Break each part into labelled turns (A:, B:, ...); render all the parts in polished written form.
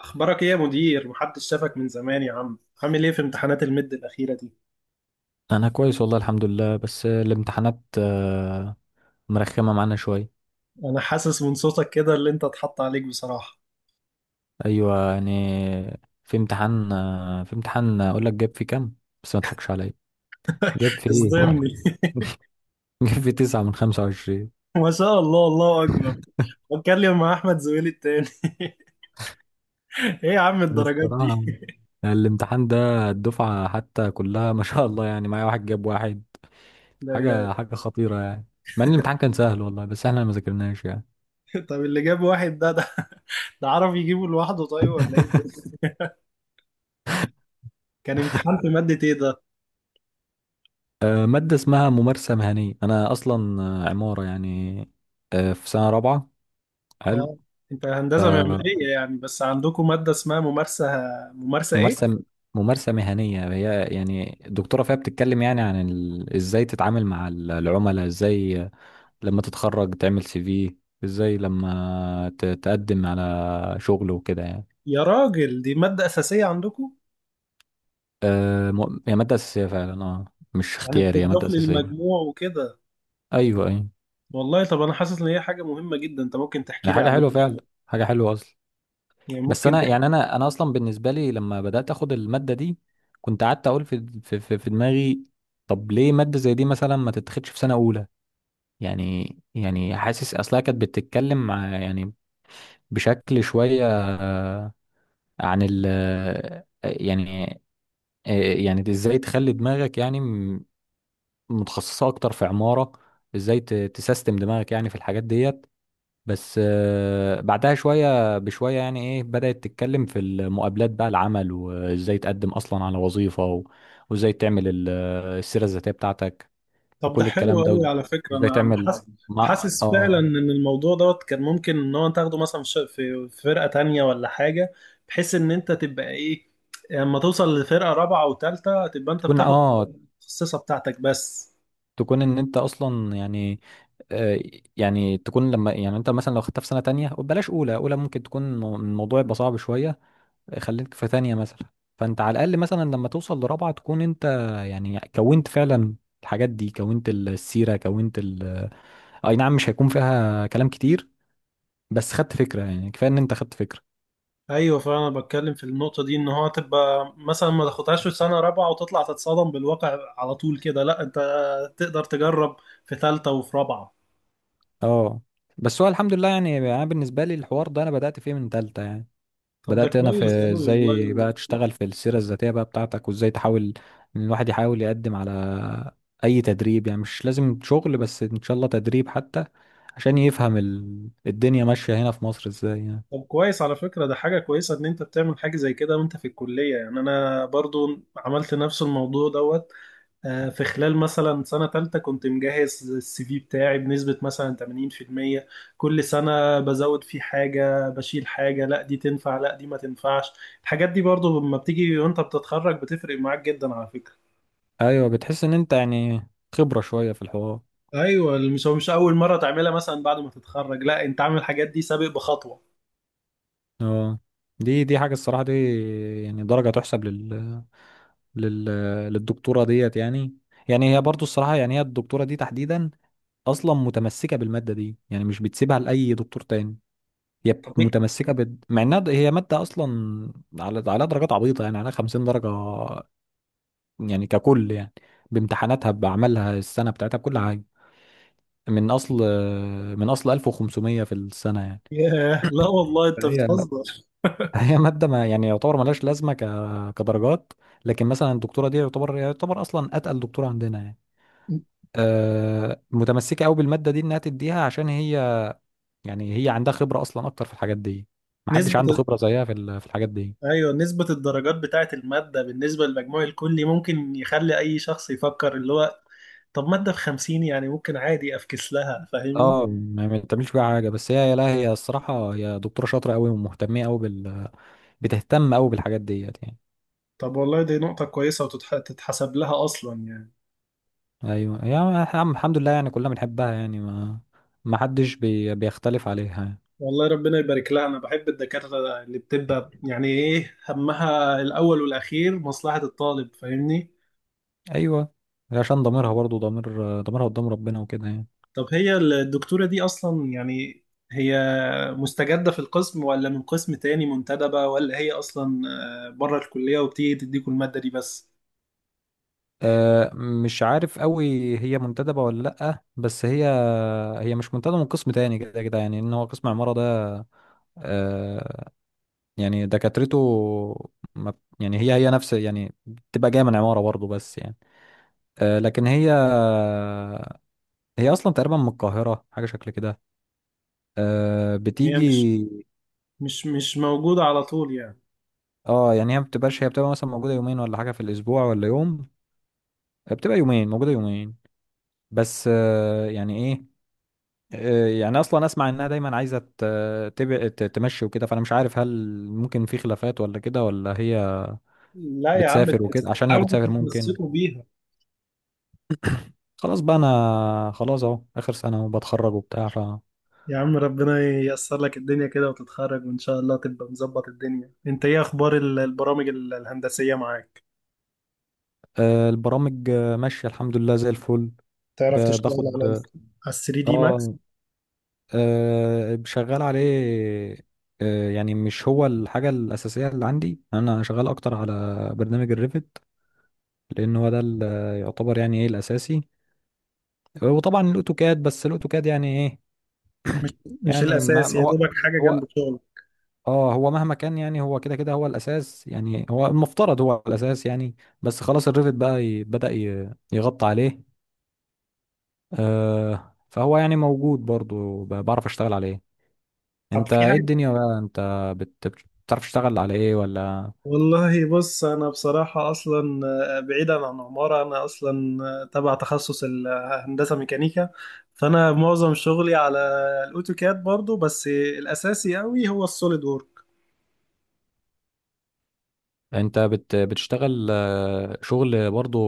A: اخبارك ايه يا مدير؟ محدش شافك من زمان يا عم. عامل ايه في امتحانات الميد الاخيره دي؟
B: انا كويس والله الحمد لله. بس الامتحانات مرخمه معانا شويه.
A: انا حاسس من صوتك كده اللي انت اتحط عليك بصراحه،
B: ايوه يعني. في امتحان اقول لك جاب فيه كام، بس ما تضحكش عليا. جاب فيه
A: اصدمني.
B: جاب فيه تسعة من خمسة وعشرين.
A: ما شاء الله، الله اكبر. بتكلم مع احمد زويل التاني. ايه يا عم الدرجات دي؟
B: الصراحة الامتحان ده الدفعة حتى كلها ما شاء الله، يعني معايا واحد جاب واحد.
A: لا، لا.
B: حاجة خطيرة يعني. مع ان الامتحان كان سهل والله، بس احنا ما ذاكرناش يعني.
A: طب اللي جاب واحد ده عرف يجيبه لوحده، طيب، ولا ايه؟ كان امتحان في ماده ايه ده؟
B: مادة اسمها ممارسة مهنية. أنا أصلا عمارة يعني، في سنة رابعة. حلو.
A: اه، انت هندسه معماريه يعني، بس عندكم ماده اسمها ممارسه، ممارسه ايه؟
B: فممارسة ممارسة مهنية هي، يعني الدكتورة فيها بتتكلم يعني عن ازاي تتعامل مع العملاء، ازاي لما تتخرج تعمل سي في، ازاي تقدم على شغل وكده يعني.
A: يا راجل دي ماده اساسيه عندكم؟
B: هي مادة أساسية فعلا. اه مش
A: يعني
B: اختياري، هي مادة
A: بتضاف
B: أساسية.
A: للمجموع وكده؟
B: أيوه.
A: والله طب انا حاسس ان هي حاجه مهمه جدا، انت ممكن تحكي
B: هي
A: لي
B: حاجة
A: عليها؟
B: حلوة فعلا، حاجة حلوة أصلا.
A: يعني
B: بس
A: ممكن
B: أنا
A: تحكي.
B: يعني أنا أصلا بالنسبة لي لما بدأت أخد المادة دي، كنت قعدت أقول في دماغي، طب ليه مادة زي دي مثلا ما تتاخدش في سنة أولى؟ يعني حاسس اصلها كانت بتتكلم مع يعني بشكل شوية، عن ال آه، يعني، يعني ازاي تخلي دماغك يعني متخصصة اكتر في عمارة، ازاي تسيستم دماغك يعني في الحاجات ديت. بس بعدها شوية بشوية يعني ايه، بدأت تتكلم في المقابلات بقى، العمل، وازاي تقدم اصلا على وظيفة، وازاي تعمل السيرة الذاتية بتاعتك،
A: طب ده
B: وكل
A: حلو
B: الكلام ده،
A: قوي على فكره،
B: وازاي
A: انا
B: تعمل
A: حاسس،
B: مع
A: حاسس فعلا
B: اه.
A: ان الموضوع دوت كان ممكن ان هو تاخده مثلا في ش- في في فرقه تانية ولا حاجه، بحيث ان انت تبقى ايه، لما توصل لفرقه رابعه وثالثه تبقى انت
B: تكون
A: بتاخد
B: اه
A: المتخصصه بتاعتك بس.
B: تكون ان انت اصلا يعني، آه، يعني تكون لما يعني انت مثلا لو خدتها في سنه تانية، بلاش اولى، ممكن تكون الموضوع يبقى صعب شويه. خليك في تانية مثلا، فانت على الاقل مثلا لما توصل لرابعه تكون انت يعني كونت فعلا الحاجات دي، كونت السيره، كونت ال، اي نعم مش هيكون فيها كلام كتير، بس خدت فكره، يعني كفايه ان انت خدت فكره.
A: ايوه، فانا بتكلم في النقطه دي، ان هو تبقى مثلا ما تاخدهاش في سنه رابعه وتطلع تتصدم بالواقع على طول كده، لا انت تقدر تجرب في ثالثه وفي رابعه.
B: اه بس هو الحمد لله يعني، انا بالنسبه لي الحوار ده انا بدات فيه من تالتة يعني.
A: طب ده
B: بدأت أنا
A: كويس
B: في
A: قوي
B: إزاي
A: والله.
B: بقى تشتغل في السيرة الذاتية بقى بتاعتك، وإزاي تحاول إن الواحد يحاول يقدم على أي تدريب. يعني مش لازم شغل، بس إن شاء الله تدريب حتى، عشان يفهم الدنيا ماشية هنا في مصر إزاي يعني.
A: طب كويس على فكره، ده حاجه كويسه ان انت بتعمل حاجه زي كده وانت في الكليه، يعني انا برضو عملت نفس الموضوع دوت. في خلال مثلا سنة تالتة كنت مجهز السي في بتاعي بنسبة مثلا 80%، كل سنة بزود فيه حاجة بشيل حاجة، لا دي تنفع لا دي ما تنفعش. الحاجات دي برضو لما بتيجي وانت بتتخرج بتفرق معاك جدا على فكرة.
B: أيوة، بتحس إن أنت يعني خبرة شوية في الحوار.
A: ايوه مش اول مرة تعملها مثلا بعد ما تتخرج، لا انت عامل الحاجات دي سابق بخطوة.
B: أه، دي حاجة الصراحة، دي يعني درجة تحسب لل... للدكتورة ديت يعني. يعني هي برضو الصراحة، يعني هي الدكتورة دي تحديدا أصلا متمسكة بالمادة دي، يعني مش بتسيبها لأي دكتور تاني. هي
A: طب إيه؟
B: متمسكه مع انها هي ماده اصلا على على درجات عبيطه، يعني على 50 درجه يعني ككل يعني، بامتحاناتها، باعمالها السنه بتاعتها، بكل حاجه، من اصل من اصل 1500 في السنه يعني.
A: ياه، لا والله انت
B: فهي
A: بتهزر.
B: هي ماده ما يعني يعتبر ملهاش لازمه كدرجات، لكن مثلا الدكتوره دي يعتبر اصلا اتقل دكتوره عندنا يعني. متمسكه قوي بالماده دي انها تديها، عشان هي يعني هي عندها خبره اصلا اكتر في الحاجات دي. محدش عنده
A: نسبة،
B: خبره زيها في في الحاجات دي.
A: ايوه نسبة الدرجات بتاعة المادة بالنسبة للمجموع الكلي ممكن يخلي اي شخص يفكر اللي هو طب مادة بخمسين، يعني ممكن عادي افكس لها، فاهمني؟
B: اه ما بتعملش فيها حاجه، بس هي لا، هي الصراحه هي دكتوره شاطره قوي ومهتمه قوي بال، بتهتم قوي بالحاجات ديت يعني.
A: طب والله دي نقطة كويسة وتتحسب لها اصلا يعني.
B: ايوه يا عم الحمد لله، يعني كلنا بنحبها يعني، ما حدش بيختلف عليها يعني.
A: والله ربنا يبارك لها، انا بحب الدكاترة اللي بتبقى يعني ايه همها الاول والاخير مصلحة الطالب، فاهمني؟
B: ايوه، عشان ضميرها برضو، ضميرها قدام ربنا وكده يعني.
A: طب هي الدكتورة دي اصلا يعني، هي مستجدة في القسم ولا من قسم تاني منتدبة، ولا هي اصلا بره الكلية وبتيجي تديكوا المادة دي بس؟
B: أه مش عارف قوي هي منتدبه ولا لا، بس هي هي مش منتدبه من قسم تاني، كده كده يعني، ان هو قسم عماره ده آه، يعني دكاترته ما بت- يعني هي نفس يعني بتبقى جايه من عماره برضه بس يعني. آه لكن هي هي اصلا تقريبا من القاهره حاجه شكل كده. آه
A: هي مش
B: بتيجي.
A: مش مش موجودة على طول يعني؟
B: اه يعني هي ما بتبقاش، هي بتبقى مثلا موجوده يومين ولا حاجه في الاسبوع، ولا يوم، بتبقى يومين، موجوده يومين. بس آه يعني ايه، آه يعني اصلا اسمع انها دايما عايزه تمشي وكده، فانا مش عارف هل ممكن في خلافات ولا كده، ولا هي
A: لا يا عم، ده
B: بتسافر
A: بس
B: وكده. عشان هي
A: حاولوا
B: بتسافر ممكن.
A: تتمسكوا بيها.
B: خلاص بقى، انا خلاص اهو اخر سنه وبتخرج وبتاع. ف
A: يا عم ربنا ييسر لك الدنيا كده وتتخرج وإن شاء الله تبقى مظبط الدنيا. أنت إيه أخبار البرامج الهندسية معاك؟
B: البرامج ماشيه الحمد لله زي الفل.
A: تعرف تشتغل
B: باخد
A: على ال 3 دي ماكس؟
B: اه شغال عليه. يعني مش هو الحاجه الاساسيه اللي عندي، انا شغال اكتر على برنامج الريفت، لان هو ده اللي يعتبر يعني ايه الاساسي. وطبعا الاوتوكاد، بس الاوتوكاد يعني ايه
A: مش مش
B: يعني
A: الأساسي
B: ما
A: يا دوبك، حاجة
B: هو
A: جنب شغلك.
B: اه، هو مهما كان يعني، هو كده كده هو الاساس يعني، هو المفترض هو الاساس يعني، بس خلاص الريفت بقى بدأ يغطي عليه. آه فهو يعني موجود برضو، بعرف اشتغل عليه.
A: طب
B: انت
A: في،
B: ايه الدنيا بقى؟ انت بتعرف تشتغل على ايه ولا؟
A: والله بص انا بصراحه اصلا بعيدا عن عماره، انا اصلا تبع تخصص الهندسه ميكانيكا، فانا معظم شغلي على الاوتوكاد برضو، بس الاساسي قوي هو السوليد وورك.
B: انت بتشتغل شغل برضو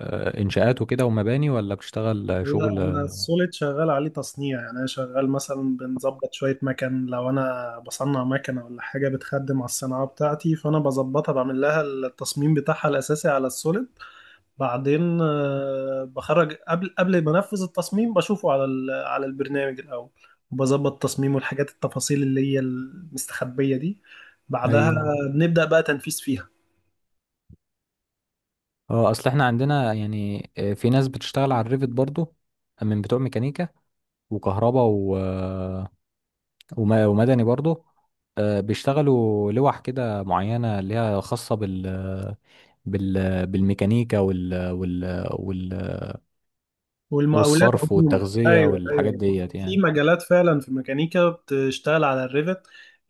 B: انشاءات وكده ومباني، ولا بتشتغل
A: لا
B: شغل
A: انا السوليد شغال عليه تصنيع، يعني انا شغال مثلا بنظبط شويه مكن، لو انا بصنع مكنه ولا حاجه بتخدم على الصناعه بتاعتي، فانا بظبطها، بعمل لها التصميم بتاعها الاساسي على السوليد. بعدين بخرج قبل ما انفذ التصميم بشوفه على على البرنامج الاول، وبظبط تصميمه، الحاجات التفاصيل اللي هي المستخبية دي، بعدها
B: ايوه؟
A: بنبدأ بقى تنفيذ فيها.
B: اه اصل احنا عندنا يعني في ناس بتشتغل على الريفت برضو، من بتوع ميكانيكا، وكهرباء، ومدني برضه. بيشتغلوا لوح كده معينة اللي هي خاصة بال، بالميكانيكا وال
A: والمقاولات
B: والصرف
A: عموما،
B: والتغذية
A: ايوه
B: والحاجات
A: ايوه،
B: ديت
A: في
B: يعني.
A: مجالات فعلا في الميكانيكا بتشتغل على الريفت،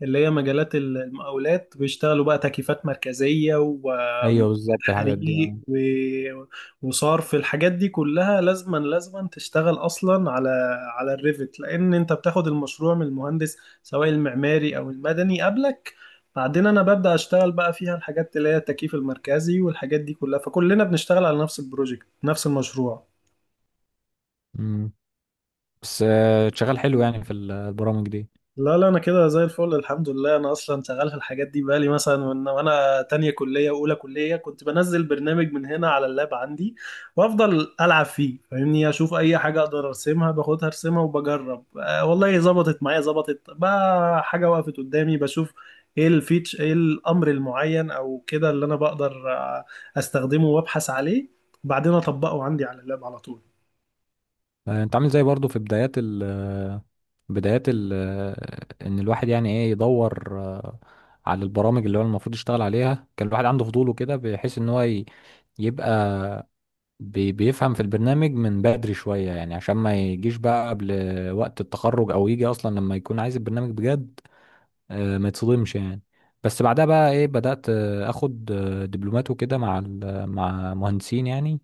A: اللي هي مجالات المقاولات، بيشتغلوا بقى تكييفات مركزيه
B: ايوه
A: ومكافحات
B: بالظبط الحاجات دي
A: حريق
B: آه.
A: وصرف، الحاجات دي كلها لازما تشتغل اصلا على الريفت، لان انت بتاخد المشروع من المهندس، سواء المعماري او المدني قبلك، بعدين انا ببدا اشتغل بقى فيها الحاجات اللي هي التكييف المركزي والحاجات دي كلها، فكلنا بنشتغل على نفس البروجكت، نفس المشروع.
B: مم. بس شغال حلو يعني في البرامج دي.
A: لا لا، انا كده زي الفل الحمد لله، انا اصلا شغال في الحاجات دي بقالي مثلا، وأنا تانية كلية واولى كلية كنت بنزل برنامج من هنا على اللاب عندي، وافضل العب فيه، فاهمني؟ اشوف اي حاجة اقدر ارسمها، باخدها ارسمها وبجرب، آه والله ظبطت معايا، ظبطت بقى حاجة وقفت قدامي، بشوف ايه الفيتش، ايه الامر المعين او كده اللي انا بقدر استخدمه وابحث عليه، وبعدين اطبقه عندي على اللاب على طول.
B: انت عامل زي برضه في بدايات ال، ان الواحد يعني ايه يدور على البرامج اللي هو المفروض يشتغل عليها. كان الواحد عنده فضوله كده، بحيث ان هو يبقى بيفهم في البرنامج من بدري شوية يعني، عشان ما يجيش بقى قبل وقت التخرج، أو يجي أصلا لما يكون عايز البرنامج بجد، ما يتصدمش يعني. بس بعدها بقى إيه، بدأت آخد دبلومات وكده مع مع مهندسين يعني،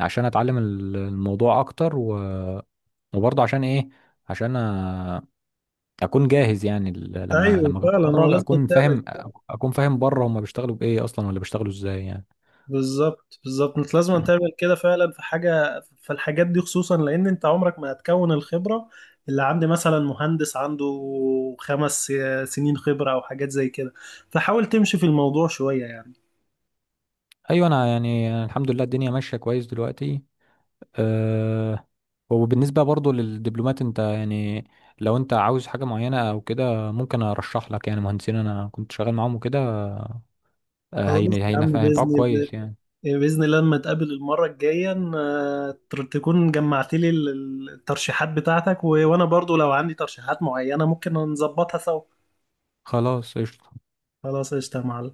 B: عشان أتعلم الموضوع أكتر وبرضه عشان إيه، عشان أكون جاهز يعني لما
A: ايوه
B: لما
A: فعلا، هو
B: أتخرج
A: لازم
B: أكون
A: تعمل.
B: فاهم. أكون فاهم بره هما بيشتغلوا بإيه أصلا، ولا بيشتغلوا إزاي يعني.
A: بالظبط بالظبط، انت لازم تعمل كده فعلا في حاجه، في الحاجات دي خصوصا، لان انت عمرك ما هتكون الخبره اللي عند مثلا مهندس عنده 5 سنين خبره او حاجات زي كده، فحاول تمشي في الموضوع شويه يعني.
B: أيوة، أنا يعني الحمد لله الدنيا ماشية كويس دلوقتي. أه، وبالنسبة برضو للدبلومات، انت يعني لو انت عاوز حاجة معينة او كده، ممكن ارشح لك يعني مهندسين انا كنت شغال معاهم وكده. أه
A: خلاص يا عم باذن
B: هينفعوك
A: الله.
B: كويس يعني.
A: باذن الله لما تقابل المره الجايه تكون جمعت لي الترشيحات بتاعتك، وانا برضو لو عندي ترشيحات معينه ممكن نظبطها سوا.
B: خلاص قشطة.
A: خلاص قشطه يا معلم.